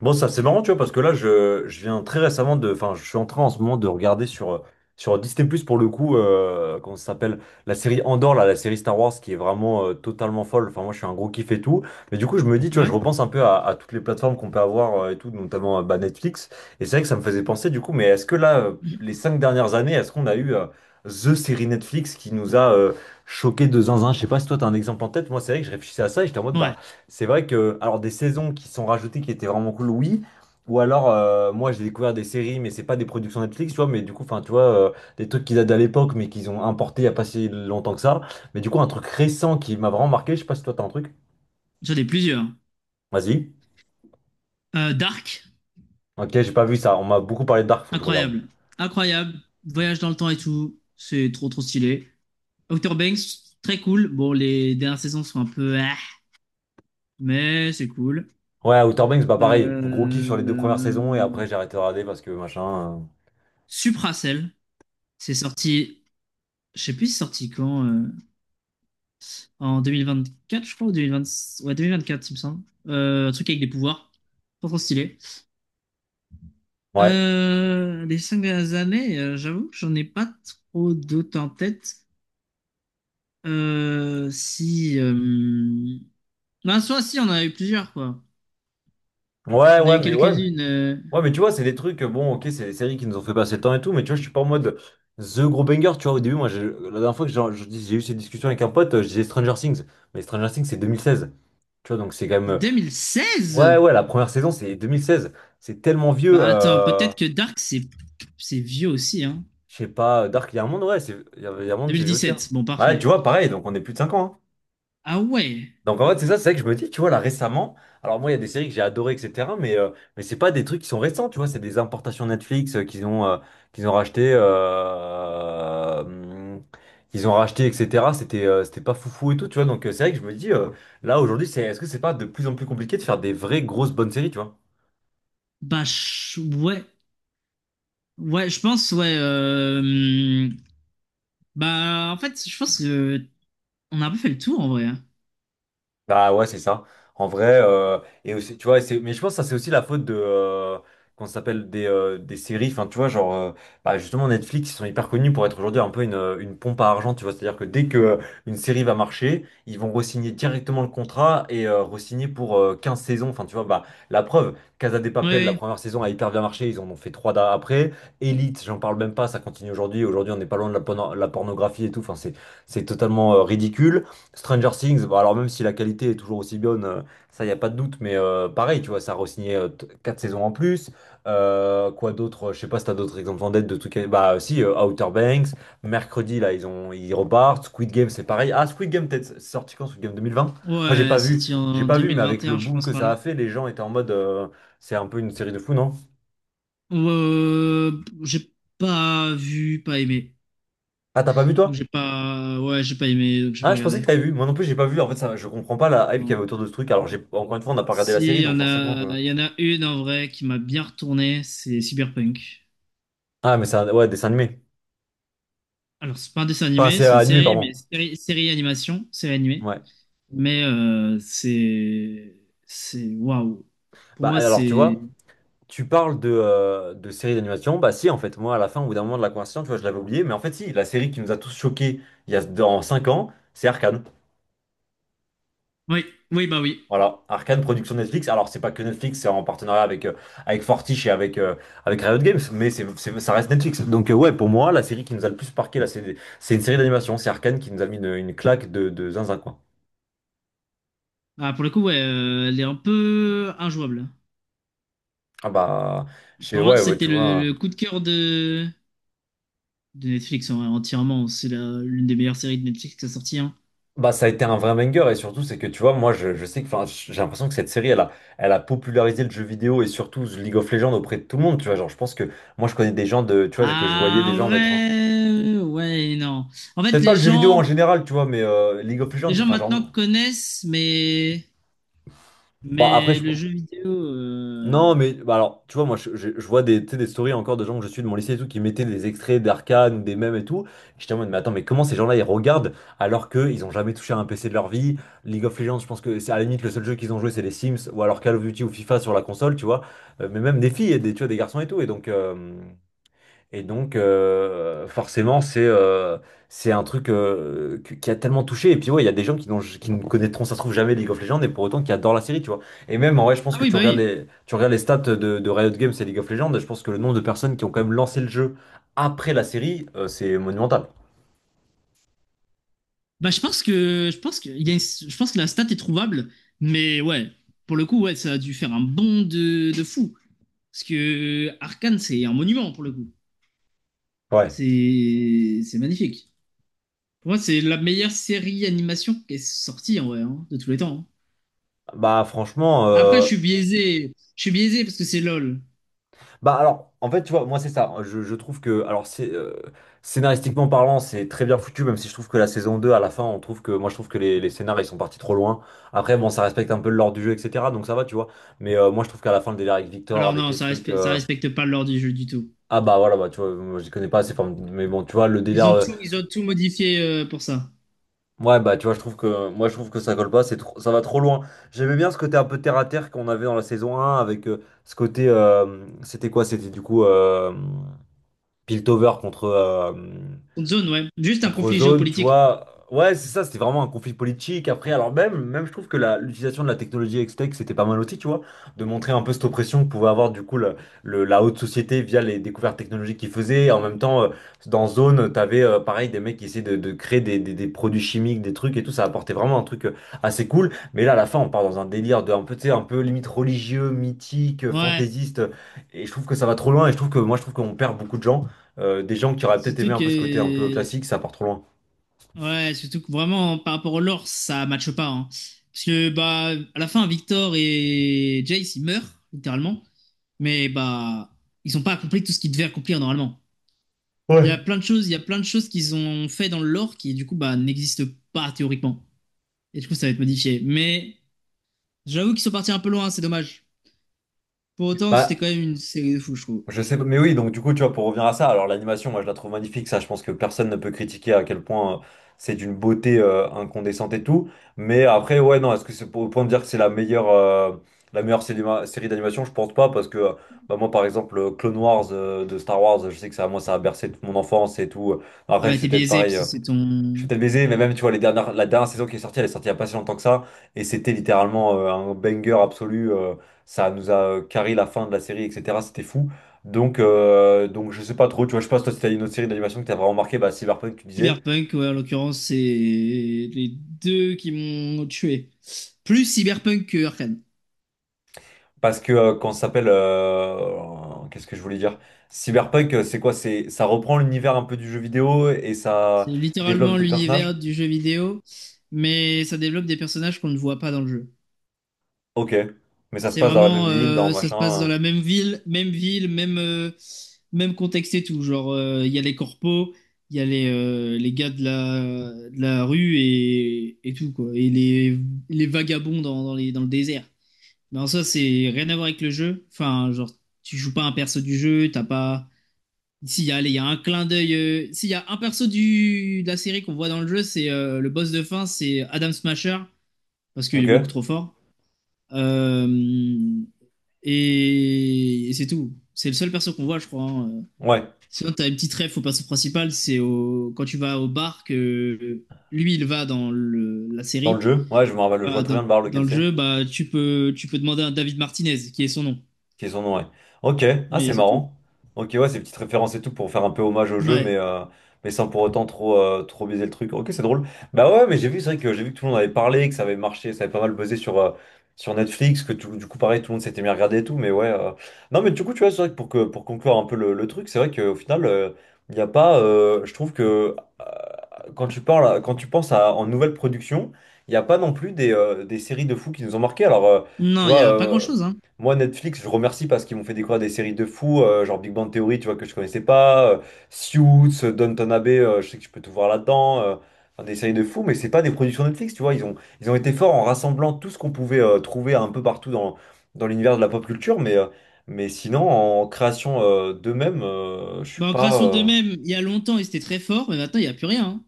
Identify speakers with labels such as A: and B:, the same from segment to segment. A: Bon, ça c'est marrant, tu vois, parce que là, je viens très récemment de. Enfin, je suis en train en ce moment de regarder sur Disney+, pour le coup, comment ça s'appelle? La série Andor, là, la série Star Wars, qui est vraiment totalement folle. Enfin, moi, je suis un gros kiff et tout. Mais du coup, je me dis, tu vois, je
B: Ouais,
A: repense un peu à toutes les plateformes qu'on peut avoir et tout, notamment bah, Netflix. Et c'est vrai que ça me faisait penser, du coup, mais est-ce que là, les 5 dernières années, est-ce qu'on a eu The série Netflix qui nous a choqué de zinzin? Je sais pas si toi, t'as un exemple en tête. Moi, c'est vrai que je réfléchissais à ça et j'étais en mode,
B: ouais,
A: bah. C'est vrai que, alors des saisons qui sont rajoutées qui étaient vraiment cool, oui. Ou alors, moi j'ai découvert des séries, mais c'est pas des productions Netflix, tu vois, mais du coup, enfin, tu vois, des trucs qu'ils datent à l'époque, mais qu'ils ont importé il y a pas si longtemps que ça. Mais du coup, un truc récent qui m'a vraiment marqué, je sais pas si toi t'as un truc.
B: j'en ai plusieurs.
A: Vas-y.
B: Dark,
A: Ok, j'ai pas vu ça, on m'a beaucoup parlé de Dark, faut que je regarde.
B: incroyable, incroyable, voyage dans le temps et tout, c'est trop trop stylé. Outer Banks, très cool. Bon, les dernières saisons sont un peu, ah, mais c'est cool.
A: Ouais, Outer Banks, bah pareil, gros kiff sur les deux premières saisons, et
B: Euh...
A: après j'ai arrêté de regarder parce que machin.
B: Supracell, c'est sorti, je sais plus c'est sorti quand, en 2024 je crois, ou 2020, ouais 2024 il me semble. Un truc avec des pouvoirs, trop trop stylé.
A: Ouais.
B: Les cinq dernières années, j'avoue que j'en ai pas trop d'autres en tête. Si. Ben, soit si, on en a eu plusieurs, quoi.
A: Ouais,
B: On a
A: ouais,
B: eu
A: mais ouais, mais
B: quelques-unes.
A: ouais, mais tu vois, c'est des trucs, bon, ok, c'est des séries qui nous ont fait passer le temps et tout, mais tu vois, je suis pas en mode The Gros Banger, tu vois, au début, moi, la dernière fois que j'ai eu cette discussion avec un pote, je disais Stranger Things, mais Stranger Things, c'est 2016, tu vois, donc c'est quand même,
B: 2016?
A: ouais, ouais, la première saison, c'est 2016, c'est tellement vieux,
B: Bah attends, peut-être que Dark, c'est vieux aussi, hein.
A: je sais pas, Dark, il y a un monde, ouais, il y a un monde, c'est vieux aussi, hein.
B: 2017, bon,
A: Ouais, tu
B: parfait.
A: vois, pareil, donc on est plus de 5 ans, hein.
B: Ah ouais.
A: Donc en fait, c'est ça, c'est vrai que je me dis, tu vois, là récemment, alors moi, il y a des séries que j'ai adorées, etc., mais c'est pas des trucs qui sont récents, tu vois, c'est des importations Netflix qu'ils ont racheté, euh, hum, qu'ils ont racheté, etc. C'était c'était pas foufou et tout, tu vois, donc c'est vrai que je me dis, là aujourd'hui, c'est, est-ce que c'est pas de plus en plus compliqué de faire des vraies grosses bonnes séries, tu vois?
B: Bah, ouais. Ouais, je pense, ouais. Hum, Bah, en fait, je pense que on a un peu fait le tour, en vrai, hein.
A: Bah ouais, c'est ça. En vrai, et aussi, tu vois, c'est, mais je pense que ça, c'est aussi la faute de, qu'on s'appelle des séries. Enfin, tu vois, genre, bah, justement, Netflix, ils sont hyper connus pour être aujourd'hui un peu une pompe à argent, tu vois. C'est-à-dire que dès que une série va marcher, ils vont re-signer directement le contrat et re-signer pour 15 saisons. Enfin, tu vois, bah, la preuve, Casa de
B: Ouais,
A: Papel, la
B: ouais.
A: première saison a hyper bien marché, ils en ont fait trois après. Elite, j'en parle même pas, ça continue aujourd'hui. Aujourd'hui, on n'est pas loin de la, la pornographie et tout. Enfin, c'est totalement ridicule. Stranger Things, bon, alors même si la qualité est toujours aussi bonne, ça y a pas de doute, mais pareil, tu vois, ça a re-signé 4 saisons en plus. Quoi d'autre? Je sais pas si t'as d'autres exemples en tête de trucs. Bah si, Outer Banks, mercredi là, ils repartent. Squid Game, c'est pareil. Ah, Squid Game, peut-être c'est sorti quand? Squid Game 2020? Moi, j'ai pas
B: Ouais,
A: vu,
B: sorti en
A: mais avec le
B: 2021, je
A: boom
B: pense,
A: que
B: par
A: ça
B: là.
A: a fait, les gens étaient en mode, c'est un peu une série de fous, non?
B: J'ai pas vu, pas aimé.
A: Ah, t'as pas vu
B: Donc
A: toi?
B: j'ai pas, ouais, j'ai pas aimé, donc j'ai pas
A: Ah, je pensais que
B: regardé.
A: t'avais vu. Moi non plus, j'ai pas vu. En fait, ça, je comprends pas la hype qu'il y
B: Non.
A: avait autour de ce truc. Alors, j'ai encore une fois, on n'a pas regardé la
B: Si,
A: série,
B: il y
A: donc
B: en
A: forcément, je...
B: a, il y en a une en vrai qui m'a bien retourné, c'est Cyberpunk.
A: Ah, mais c'est un ouais, dessin animé.
B: Alors c'est pas un dessin
A: Enfin,
B: animé,
A: c'est
B: c'est une
A: animé,
B: série, mais
A: pardon.
B: série, série animation, série animée.
A: Ouais.
B: Mais c'est waouh. Pour
A: Bah
B: moi,
A: alors, tu
B: c'est,
A: vois, tu parles de séries d'animation. Bah si, en fait, moi, à la fin, au bout d'un moment de la conversation, tu vois, je l'avais oublié. Mais en fait, si, la série qui nous a tous choqués il y a dans 5 ans, c'est Arcane.
B: oui, oui, bah oui.
A: Voilà, Arcane, production Netflix. Alors, c'est pas que Netflix, c'est en partenariat avec Fortiche et avec Riot Games, mais ça reste Netflix. Donc, ouais, pour moi, la série qui nous a le plus marqué, là, c'est une série d'animation. C'est Arcane qui nous a mis une claque de zinzin, quoi.
B: Ah, pour le coup, ouais, elle est un peu injouable.
A: Ah bah, je sais,
B: Pour moi,
A: ouais, ouais,
B: c'était
A: tu
B: le,
A: vois.
B: le coup de cœur de Netflix en vrai, entièrement. C'est l'une des meilleures séries de Netflix qui a sorti, hein.
A: Bah, ça a été un vrai banger et surtout c'est que tu vois moi je sais que enfin j'ai l'impression que cette série elle a popularisé le jeu vidéo et surtout League of Legends auprès de tout le monde tu vois genre je pense que moi je connais des gens de tu vois que je voyais
B: Ah,
A: des
B: en
A: gens mettre un
B: vrai, ouais, non. En fait,
A: peut-être pas
B: les
A: le jeu vidéo en
B: gens,
A: général tu vois mais League of Legends
B: les
A: tu
B: gens
A: vois, enfin
B: maintenant
A: genre
B: connaissent, mais,
A: bah après
B: mais
A: je,
B: le jeu vidéo.
A: Non, mais bah alors, tu vois, moi, je vois des, tu sais, des stories encore de gens que je suis de mon lycée et tout qui mettaient des extraits d'Arcane ou des mèmes et tout. Et j'étais en mode, mais attends, mais comment ces gens-là ils regardent alors qu'ils ont jamais touché à un PC de leur vie? League of Legends, je pense que c'est à la limite le seul jeu qu'ils ont joué, c'est les Sims ou alors Call of Duty ou FIFA sur la console, tu vois. Mais même des filles, et des, tu vois, des garçons et tout. Et donc, forcément, c'est un truc qui a tellement touché. Et puis, ouais, il y a des gens qui, qui ne connaîtront, ça se trouve, jamais League of Legends, et pour autant qui adorent la série, tu vois. Et même, en vrai, je pense
B: Ah
A: que tu regardes
B: oui.
A: les, stats de Riot Games et League of Legends, et je pense que le nombre de personnes qui ont quand même lancé le jeu après la série, c'est monumental.
B: Bah, je pense que, il y a une- je pense que la stat est trouvable, mais ouais, pour le coup, ouais, ça a dû faire un bond de fou. Parce que Arcane, c'est un monument pour le coup.
A: Ouais.
B: C'est magnifique. Pour moi, c'est la meilleure série animation qui est sortie en vrai, hein, de tous les temps, hein.
A: Bah, franchement,
B: Après, je suis biaisé, je suis biaisé parce que c'est LOL.
A: bah alors, en fait, tu vois, moi c'est ça. Je trouve que, alors c'est scénaristiquement parlant, c'est très bien foutu, même si je trouve que la saison 2 à la fin, on trouve que, moi je trouve que les scénars, ils sont partis trop loin. Après, bon, ça respecte un peu l'ordre du jeu, etc. Donc ça va, tu vois. Mais moi je trouve qu'à la fin, le délire avec Victor,
B: Alors
A: avec
B: non,
A: les
B: ça
A: trucs...
B: respecte, ça respecte pas l'ordre du jeu du tout.
A: Ah bah voilà, bah tu vois, moi je connais pas assez, enfin, mais bon, tu vois, le
B: Ils
A: délire...
B: ont tout, ils ont tout modifié pour ça.
A: Ouais, bah tu vois, je trouve que, moi je trouve que ça colle pas, ça va trop loin. J'aimais bien ce côté un peu terre-à-terre qu'on avait dans la saison un avec ce côté... C'était quoi? C'était du coup... Piltover contre, euh,
B: Une zone, ouais. Juste un
A: contre
B: conflit
A: Zone, tu
B: géopolitique.
A: vois. Ouais, c'est ça, c'était vraiment un conflit politique. Après, alors même, même je trouve que l'utilisation de la technologie Hextech, c'était pas mal aussi, tu vois, de montrer un peu cette oppression que pouvait avoir du coup la haute société via les découvertes technologiques qu'ils faisaient. En même temps, dans Zone, t'avais pareil des mecs qui essayaient de créer des, des produits chimiques, des trucs et tout, ça apportait vraiment un truc assez cool. Mais là, à la fin, on part dans un délire de un peu, tu sais, un peu limite religieux, mythique,
B: Ouais.
A: fantaisiste. Et je trouve que ça va trop loin et je trouve que moi, je trouve qu'on perd beaucoup de gens des gens qui auraient peut-être aimé
B: Surtout
A: un peu ce côté un peu
B: que,
A: classique, ça part trop loin.
B: ouais, surtout que vraiment par rapport au lore, ça matche pas, hein. Parce que bah à la fin, Victor et Jace ils meurent littéralement, mais bah ils ont pas accompli tout ce qu'ils devaient accomplir normalement. Il y a
A: Ouais.
B: plein de choses, il y a plein de choses qu'ils ont fait dans le lore qui du coup bah n'existent pas théoriquement. Et du coup ça va être modifié. Mais j'avoue qu'ils sont partis un peu loin, c'est dommage. Pour autant, c'était quand
A: Bah,
B: même une série de fou, je trouve.
A: je sais pas, mais oui, donc du coup, tu vois, pour revenir à ça, alors l'animation, moi je la trouve magnifique, ça je pense que personne ne peut critiquer à quel point c'est d'une beauté incandescente et tout, mais après, ouais, non, est-ce que c'est pour, au point de dire que c'est la meilleure série d'animation, je pense pas, parce que bah, moi par exemple, Clone Wars de Star Wars, je sais que ça, moi ça a bercé toute mon enfance et tout,
B: Ah
A: après
B: bah
A: c'est
B: t'es
A: peut-être
B: biaisé,
A: pareil,
B: parce que c'est
A: je suis
B: ton...
A: peut-être baisé, mais même, tu vois, les dernières, la dernière saison qui est sortie, elle est sortie il n'y a pas si longtemps que ça. Et c'était littéralement un banger absolu. Ça nous a carré la fin de la série, etc. C'était fou. Donc, je sais pas trop. Tu vois, je sais pas si toi, si t'as une autre série d'animation que t'as vraiment marqué, bah, Cyberpunk, tu disais.
B: Cyberpunk, ouais, en l'occurrence, c'est les deux qui m'ont tué. Plus Cyberpunk que Arkane.
A: Parce que quand ça s'appelle. Qu'est-ce que je voulais dire? Cyberpunk, c'est quoi? C'est, ça reprend l'univers un peu du jeu vidéo et
B: C'est
A: ça développe
B: littéralement
A: des personnages?
B: l'univers du jeu vidéo, mais ça développe des personnages qu'on ne voit pas dans le jeu.
A: Ok. Mais ça se
B: C'est
A: passe dans la même
B: vraiment,
A: ville, dans
B: ça se passe dans
A: machin.
B: la même ville, même ville, même, même contexte et tout. Genre, il y a les corpos, il y a les gars de la rue et tout, quoi. Et les vagabonds dans le désert. Mais en soi, c'est rien à voir avec le jeu. Enfin, genre, tu joues pas un perso du jeu, t'as pas. S'il y a, allez, il y a un clin d'œil. S'il y a un perso de la série qu'on voit dans le jeu, c'est le boss de fin, c'est Adam Smasher, parce qu'il est
A: Ok.
B: beaucoup trop fort. Euh, et c'est tout. C'est le seul perso qu'on voit, je crois, hein.
A: Ouais.
B: Sinon, t'as une petite ref au perso principal, c'est au, quand tu vas au bar que lui, il va dans la
A: Dans le
B: série.
A: jeu. Ouais, je me rappelle, je vois
B: Bah,
A: très
B: dans,
A: bien de voir
B: dans
A: lequel
B: le
A: c'est.
B: jeu, bah, tu peux demander à David Martinez, qui est son nom.
A: Qui sont ouais. Ok, ah
B: Mais
A: c'est
B: c'est tout.
A: marrant. Ok, ouais, ces petites références et tout pour faire un peu hommage au jeu,
B: Ouais.
A: mais sans pour autant trop, trop biaiser le truc. Ok, c'est drôle. Bah ouais, mais j'ai vu, c'est vrai que j'ai vu que tout le monde avait parlé, que ça avait marché, ça avait pas mal buzzé sur, sur Netflix, que du coup, pareil, tout le monde s'était mis à regarder et tout, mais ouais. Non, mais du coup, tu vois, c'est vrai que, pour conclure un peu le truc, c'est vrai qu'au final, il n'y a pas. Je trouve que euh, quand tu parles, quand tu penses à, en nouvelle production, il n'y a pas non plus des séries de fous qui nous ont marqué. Alors. Tu
B: Non, il n'y
A: vois,
B: a pas grand-chose, hein.
A: moi, Netflix, je remercie parce qu'ils m'ont fait découvrir des séries de fous, genre Big Bang Theory, tu vois, que je connaissais pas, Suits, Downton Abbey, je sais que je peux tout voir là-dedans, enfin, des séries de fous, mais c'est pas des productions Netflix, tu vois, ils ont été forts en rassemblant tout ce qu'on pouvait trouver un peu partout dans, l'univers de la pop culture, mais sinon, en création d'eux-mêmes, je suis
B: Bah, en
A: pas...
B: création d'eux-mêmes, il y a longtemps, ils étaient très forts, mais maintenant, il n'y a plus rien, hein.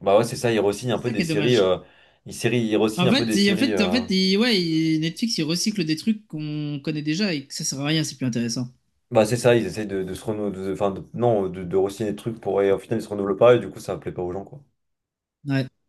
A: Bah ouais, c'est ça, ils re un
B: C'est
A: peu
B: ça
A: des
B: qui est
A: séries,
B: dommage.
A: ils re
B: En
A: un peu
B: fait,
A: des
B: en
A: séries...
B: fait, en fait ouais, Netflix, il recycle des trucs qu'on connaît déjà et que ça sert à rien, c'est plus intéressant.
A: Bah c'est ça, ils essayent de se renouveler, non, de re-signer des trucs pour et au final ils se renouvellent pas et du coup ça plaît pas aux gens quoi.
B: Ouais.